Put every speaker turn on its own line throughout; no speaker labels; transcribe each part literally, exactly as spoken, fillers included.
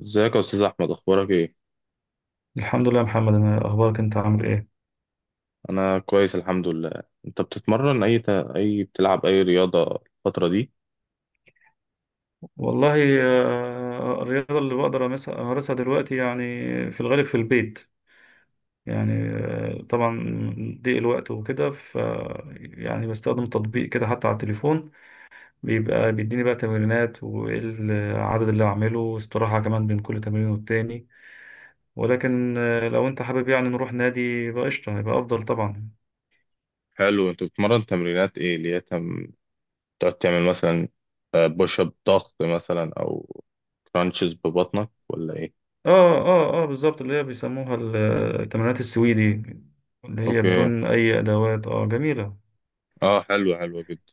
ازيك يا استاذ احمد، اخبارك ايه؟
الحمد لله يا محمد، انا اخبارك؟ انت عامل ايه؟
انا كويس الحمد لله. انت بتتمرن اي ت... اي بتلعب اي رياضه الفتره دي؟
والله، آه، الرياضه اللي بقدر أمس- امارسها دلوقتي يعني، في الغالب في البيت. يعني آه، طبعا ضيق الوقت وكده، ف يعني بستخدم تطبيق كده حتى على التليفون، بيبقى بيديني بقى تمرينات وايه العدد اللي هعمله واستراحه كمان بين كل تمرين والتاني. ولكن آه، لو انت حابب يعني نروح نادي يبقى قشطه، يبقى افضل طبعا.
حلو. انت بتتمرن تمرينات ايه؟ اللي هي تم... تقعد تعمل مثلا بوش اب، ضغط مثلا، او كرانشز ببطنك، ولا ايه؟
اه اه اه بالظبط، اللي هي بيسموها ال- التمرينات السويدي، اللي هي
اوكي.
بدون اي ادوات. اه جميله.
اه حلو، حلو جدا.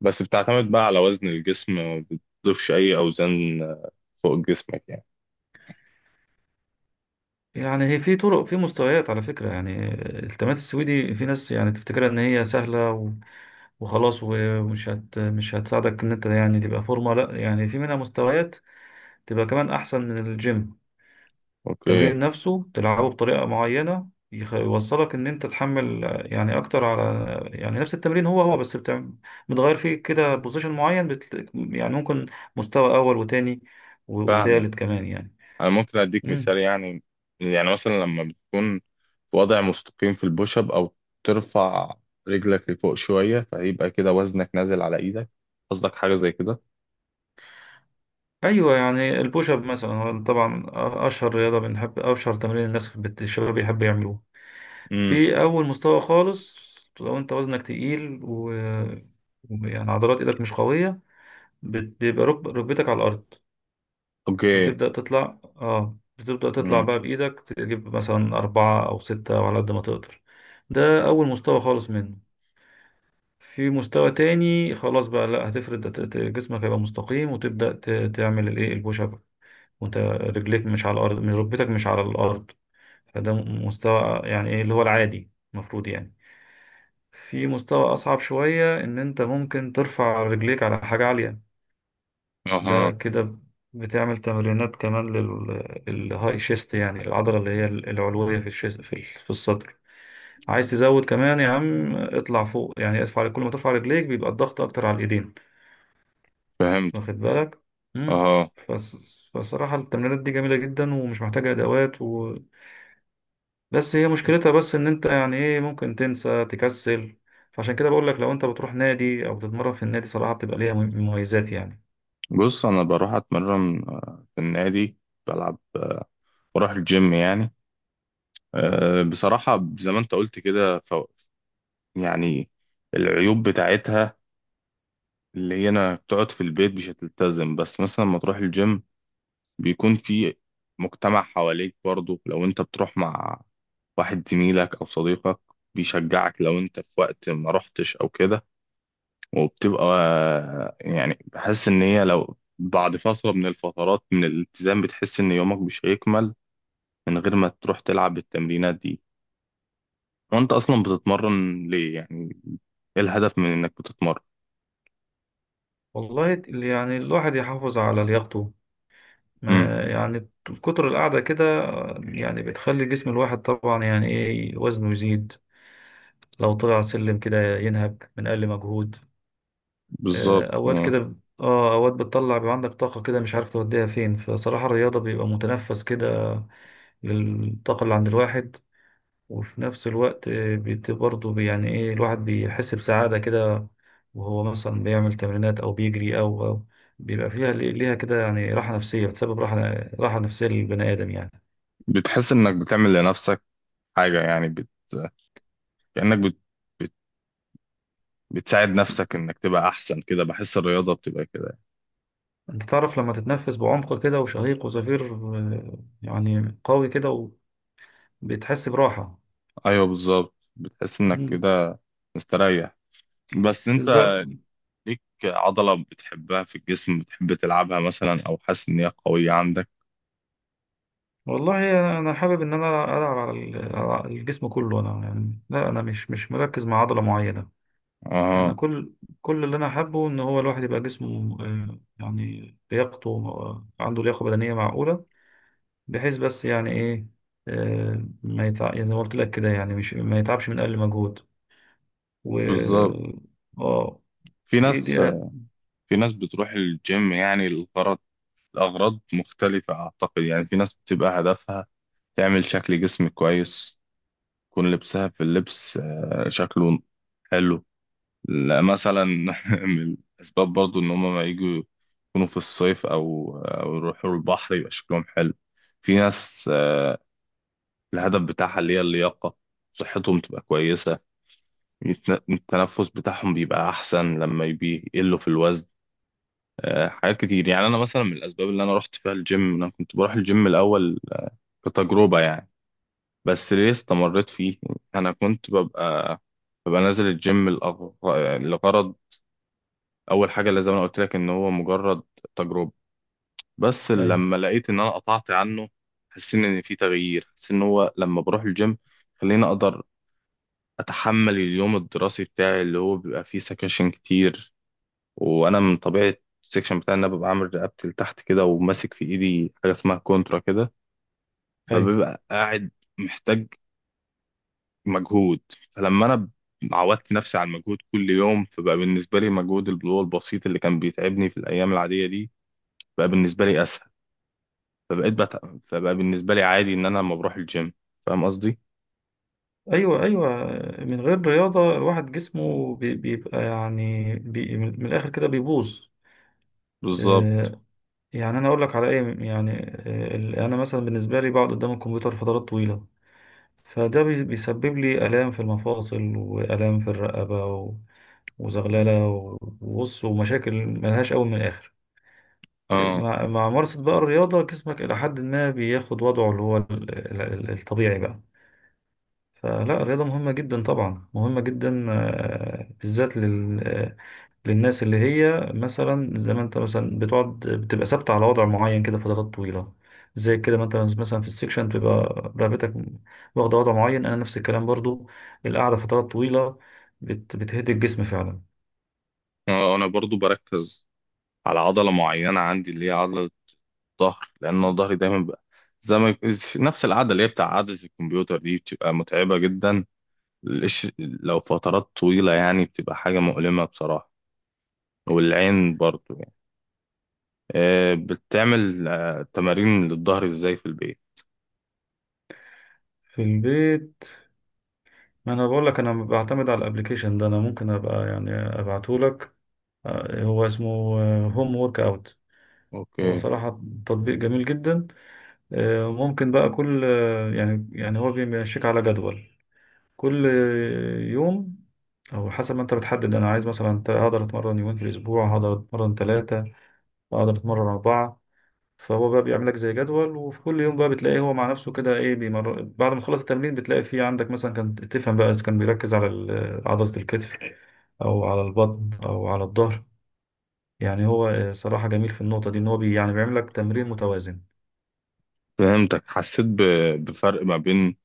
بس بتعتمد بقى على وزن الجسم، ما بتضيفش اي اوزان آه، فوق جسمك يعني.
يعني هي في طرق، في مستويات على فكره. يعني التمرينات السويدي في ناس يعني تفتكرها ان هي سهله و- وخلاص، ومش هت مش هتساعدك ان انت يعني تبقى فورمه. لا، يعني في منها مستويات تبقى كمان احسن من الجيم.
اوكي.
التمرين نفسه تلعبه بطريقة معينة، يخ- يوصلك ان انت تحمل آه، يعني اكتر على، يعني نفس التمرين هو هو، بس بتع- بتغير فيه كده بوزيشن معين، بت... يعني ممكن مستوى اول وتاني و-
فاهمك.
وتالت كمان يعني.
انا ممكن اديك
مم.
مثال يعني. يعني مثلا لما بتكون في وضع مستقيم في البوش اب، او ترفع رجلك لفوق شويه، فيبقى كده وزنك نازل على ايدك. قصدك حاجه زي كده؟
ايوه، يعني البوش اب مثلا هو طبعا أ- اشهر رياضة بنحب، اشهر تمرين الناس بت... الشباب بيحب يعملوه.
امم.
في اول مستوى خالص، لو انت وزنك تقيل و... يعني عضلات ايدك مش قوية، بت- بيبقى ركب- ركبتك على الارض،
اوكي.
وتبدأ تطلع. اه، بتبدأ تطلع
امم.
بقى بإيدك تجيب مثلا أربعة أو ستة أو على قد ما تقدر. ده أول مستوى خالص منه. في مستوى تاني، خلاص بقى لا هتفرد ت- ت- جسمك هيبقى مستقيم، وتبدأ ت- تعمل الإيه، البوش أب، وأنت رجليك مش على الأرض، من ركبتك مش على الأرض. فده م- مستوى يعني إيه اللي هو العادي المفروض يعني. في مستوى أصعب شوية، إن أنت ممكن ترفع رجليك على حاجة عالية. ده
اها.
كده بتعمل تمرينات كمان للهاي شيست، يعني العضلة اللي هي العلوية في الشيست، في في الصدر. عايز تزود كمان يا عم، اطلع فوق، يعني ارفع. كل ما ترفع رجليك بيبقى الضغط اكتر على الايدين.
فهمت.
واخد بالك. امم.
اها.
فص- فصراحة التمرينات دي جميلة جدا، ومش محتاجة ادوات و... بس هي مشكلتها، بس ان انت يعني ايه ممكن تنسى تكسل. فعشان كده بقول لك، لو انت بتروح نادي او بتتمرن في النادي صراحة، بتبقى ليها مميزات يعني.
بص، انا بروح اتمرن آه، في النادي، بلعب آه، بروح الجيم يعني. آه، بصراحه زي ما انت قلت كده، ف... يعني العيوب بتاعتها اللي هي انا بتقعد في البيت مش هتلتزم. بس مثلا لما تروح الجيم بيكون في مجتمع حواليك. برضه لو انت بتروح مع واحد زميلك او صديقك بيشجعك لو انت في وقت ما رحتش او كده. وبتبقى يعني بحس ان هي لو بعد فترة من الفترات من الالتزام بتحس ان يومك مش هيكمل من غير ما تروح تلعب التمرينات دي. وانت اصلا بتتمرن ليه يعني؟ ايه الهدف من انك بتتمرن؟
والله يعني الواحد يحافظ على لياقته،
امم.
ما يعني كتر القعدة كده يعني بتخلي جسم الواحد طبعا يعني ايه وزنه يزيد، لو طلع سلم كده ينهك من أقل مجهود.
بالظبط.
آه، أوقات
مم.
كده، اه، أوقات بتطلع بيبقى عندك طاقة كده مش عارف توديها فين، فصراحة الرياضة بيبقى متنفس كده للطاقة اللي عند الواحد. وفي نفس الوقت آه، بت- برضه بي- يعني ايه الواحد بيحس بسعادة كده، وهو مثلا بيعمل تمرينات أو بيجري أو أو بيبقى فيها، ليها كده يعني راحة نفسية، بتسبب راحة، راحة نفسية للبني آدم يعني.
بتحس انك بتعمل لنفسك حاجة. يعني بت... كأنك بت... بتساعد نفسك انك تبقى احسن كده. بحس الرياضة بتبقى كده.
انت تعرف لما تتنفس بعمق كده، وشهيق وزفير آه، يعني قوي كده وبتحس براحة.
ايوه بالظبط، بتحس انك
مم.
كده مستريح. بس انت
بالظبط.
ليك عضلة بتحبها في الجسم بتحب تلعبها مثلا، او حاسس ان هي قوية عندك؟
والله، انا حابب ان انا العب على ال- على الجسم كله. انا يعني لا، انا مش مش مركز مع عضلة معينة. انا
اه.
كل كل اللي انا حابه ان هو الواحد يبقى جسمه آه، يعني لياقته آه، عنده لياقة بدنية معقولة، بحيث بس يعني ايه آه، ما يتع... يعني زي ما قلت لك كده، يعني مش ما يتعبش من اقل مجهود.
بالظبط.
و اه.
في
دي دي
ناس في ناس بتروح الجيم يعني الغرض الاغراض مختلفة اعتقد. يعني في ناس بتبقى هدفها تعمل شكل جسم كويس، يكون لبسها في اللبس آه، شكله حلو. لا، مثلا من الأسباب برضو إن هما ما يجوا يكونوا في الصيف أو أو يروحوا البحر يبقى شكلهم حلو. في ناس آه، الهدف بتاعها اللي هي اللياقة، صحتهم تبقى كويسة، يتن- التنفس بتاعهم بيبقى أحسن لما يبي- يقلوا في الوزن. آه، حاجات كتير يعني. أنا مثلا من الأسباب اللي أنا رحت فيها الجيم، أنا كنت بروح الجيم الأول آه، كتجربة يعني. بس ليه استمريت فيه؟ أنا كنت ببقى ببقى نازل الجيم لأغ- لغرض. اول حاجه اللي زي ما أنا قلت لك ان هو مجرد تجربه. بس
ايوه،
لما لقيت ان انا قطعت عنه حسيت ان في تغيير. حسيت ان هو لما بروح الجيم خليني اقدر اتحمل اليوم الدراسي بتاعي اللي هو بيبقى فيه سكاشن كتير. وانا من طبيعه السكشن بتاعي ان انا ببقى عامل رقبتي لتحت كده، وماسك في ايدي حاجه اسمها كونترا كده،
ايوه،
فببقى قاعد محتاج مجهود. فلما انا عودت نفسي على المجهود كل يوم، فبقى بالنسبه لي مجهود اللي هو البسيط اللي كان بيتعبني في الايام العاديه دي بقى بالنسبه لي اسهل. فبقيت بت... فبقى بالنسبة لي عادي إن أنا لما بروح الجيم. فاهم قصدي؟
ايوه، ايوه. من غير رياضه الواحد جسمه بي- بيبقى يعني بي، من من الاخر كده بيبوظ.
بالظبط.
آه، يعني انا اقول لك على ايه، يعني آه، ال- انا مثلا بالنسبه لي بقعد قدام الكمبيوتر فترات طويله، فده بي- بيسبب لي الام في المفاصل، والام في الرقبه و- وزغلله و- وبص، ومشاكل ملهاش اول من الاخر.
اه.
مع مع ممارسه بقى الرياضه، جسمك الى حد ما بياخد وضعه اللي هو ال- ال- الطبيعي بقى. فلا، الرياضة مهمة جدا طبعا، مهمة جدا آه، بالذات لل... آه، للناس اللي هي مثلا زي ما انت، مثلا بتقعد بتبقى ثابتة على وضع معين كده فترات طويلة. زي كده ما انت مثلا في السكشن بتبقى رقبتك واخدة وضع معين. انا نفس الكلام برضو، القعدة فترات طويلة بت... بتهدي الجسم فعلا.
آه، أنا برضو بركز على عضلة معينة عندي اللي هي عضلة الظهر، لأن أنا ظهري دايما بقى زي ما نفس العادة اللي هي بتاع عادة الكمبيوتر دي بتبقى متعبة جدا. الإش- لو فترات طويلة يعني بتبقى حاجة مؤلمة بصراحة. والعين برضو يعني. آه، بتعمل آه، تمارين للظهر إزاي في البيت؟
في البيت، ما انا بقول لك، انا بعتمد على الابلكيشن ده. انا ممكن ابقى يعني ابعته لك. آه، هو اسمه هوم ورك اوت. هو
اوكي.
صراحة تطبيق جميل جدا. ممكن بقى كل، يعني يعني هو بيمشيك على جدول كل يوم، او حسب ما انت بتحدد. انا عايز مثلا أنت هقدر اتمرن يومين في الاسبوع، هقدر اتمرن ثلاثة، هقدر اتمرن اربعة. فهو بقى بيعمل لك زي جدول، وفي كل يوم بقى بتلاقيه هو مع نفسه كده ايه بيمر. بعد ما تخلص التمرين بتلاقي فيه عندك مثلا كان تفهم بقى اذا كان بيركز على ال- عضلة الكتف او على البطن او على الظهر. يعني هو صراحة جميل في النقطة دي ان هو بي، يعني بيعمل لك تمرين متوازن.
فهمتك. حسيت ب- بفرق ما بين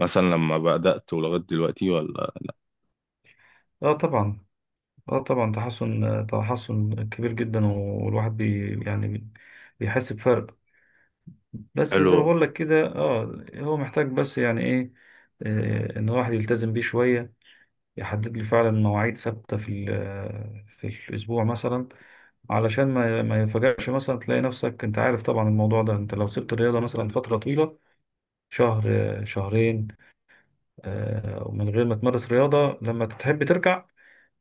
مثلا لما بدأت ولغاية دلوقتي ولا؟
اه طبعا، اه طبعا. تحسن، تحسن كبير جدا، والواحد بي، يعني بي- بيحس بفرق. بس
حلو.
زي ما بقول لك كده، اه، هو محتاج بس يعني ايه آه، ان الواحد يلتزم بيه شوية، يحدد له فعلا مواعيد ثابتة في ال- في الاسبوع مثلا. علشان ما ما يفاجئش مثلا تلاقي نفسك. انت عارف طبعا الموضوع ده، انت لو سبت الرياضة مثلا فترة طويلة، شهر آه، شهرين، آه، ومن غير ما تمارس رياضة لما تحب ترجع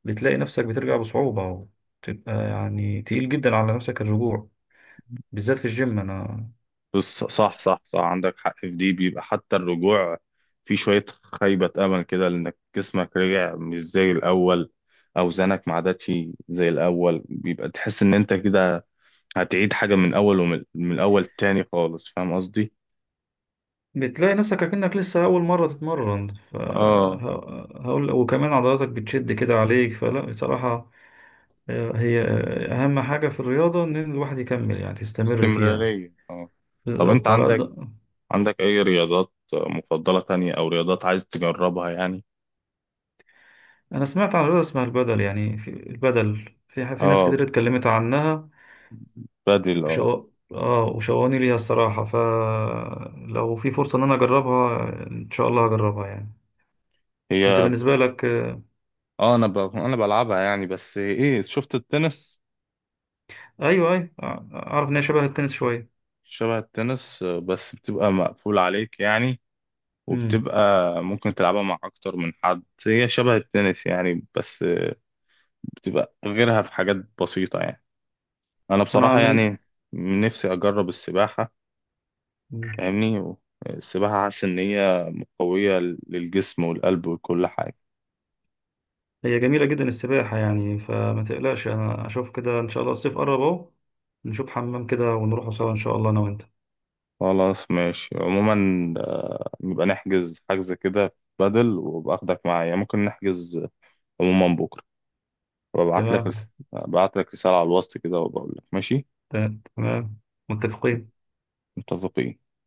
بتلاقي نفسك بترجع بصعوبة، وتبقى يعني تقيل جدا على نفسك الرجوع، بالذات في الجيم. أنا
بص، صح صح صح، عندك حق في دي. بيبقى حتى الرجوع في شوية خيبة أمل كده، لأنك جسمك رجع مش زي الأول، أوزانك ما عادتش زي الأول، بيبقى تحس إن أنت كده هتعيد حاجة من أول، ومن من أول تاني خالص. فاهم قصدي؟
بتلاقي نفسك أكنك لسه أول مرة تتمرن. ف
آه.
ه- هقول وكمان عضلاتك بتشد كده عليك، فلا بصراحة آه، هي أهم حاجة في الرياضة إن الواحد يكمل، يعني تستمر فيها.
استمرارية آه. طب أنت
بالظبط على قد.
عندك عندك أي رياضات مفضلة تانية، أو رياضات عايز تجربها يعني؟
أنا سمعت عن رياضة اسمها البدل، يعني في البدل في في ناس
آه.
كتير اتكلمت عنها
بدل آه.
وشو... اه، وشوقني ليها الصراحة، فلو في فرصة ان انا اجربها ان شاء الله هجربها يعني. انت
هي
بالنسبة لك آه،
اه، انا ب... انا بلعبها يعني. بس ايه، شفت التنس؟
ايوه ايوه، آه، اعرف ان هي شبه التنس شوية.
شبه التنس آه، بس بتبقى مقفول عليك يعني.
امم.
وبتبقى ممكن تلعبها مع اكتر من حد. هي شبه التنس يعني، بس بتبقى غيرها في حاجات بسيطة يعني. انا
انا
بصراحة
من،
يعني نفسي اجرب السباحة.
مم.
فاهمني؟ و- السباحة حاسس ان هي قوية للجسم والقلب وكل حاجة.
هي جميلة جدا السباحة يعني، فما تقلقش، انا اشوف كده ان شاء الله. الصيف قرب اهو، نشوف حمام كده ونروح سوا ان شاء الله انا وانت.
خلاص ماشي. عموما آه، نبقى نحجز حجز كده بدل، وباخدك معايا ممكن نحجز. عموما بكرة وابعت لك رس-
تمام.
ابعت لك رسالة على الوسط كده وبقول لك ماشي.
ت- تمام. متفقين.
متفقين.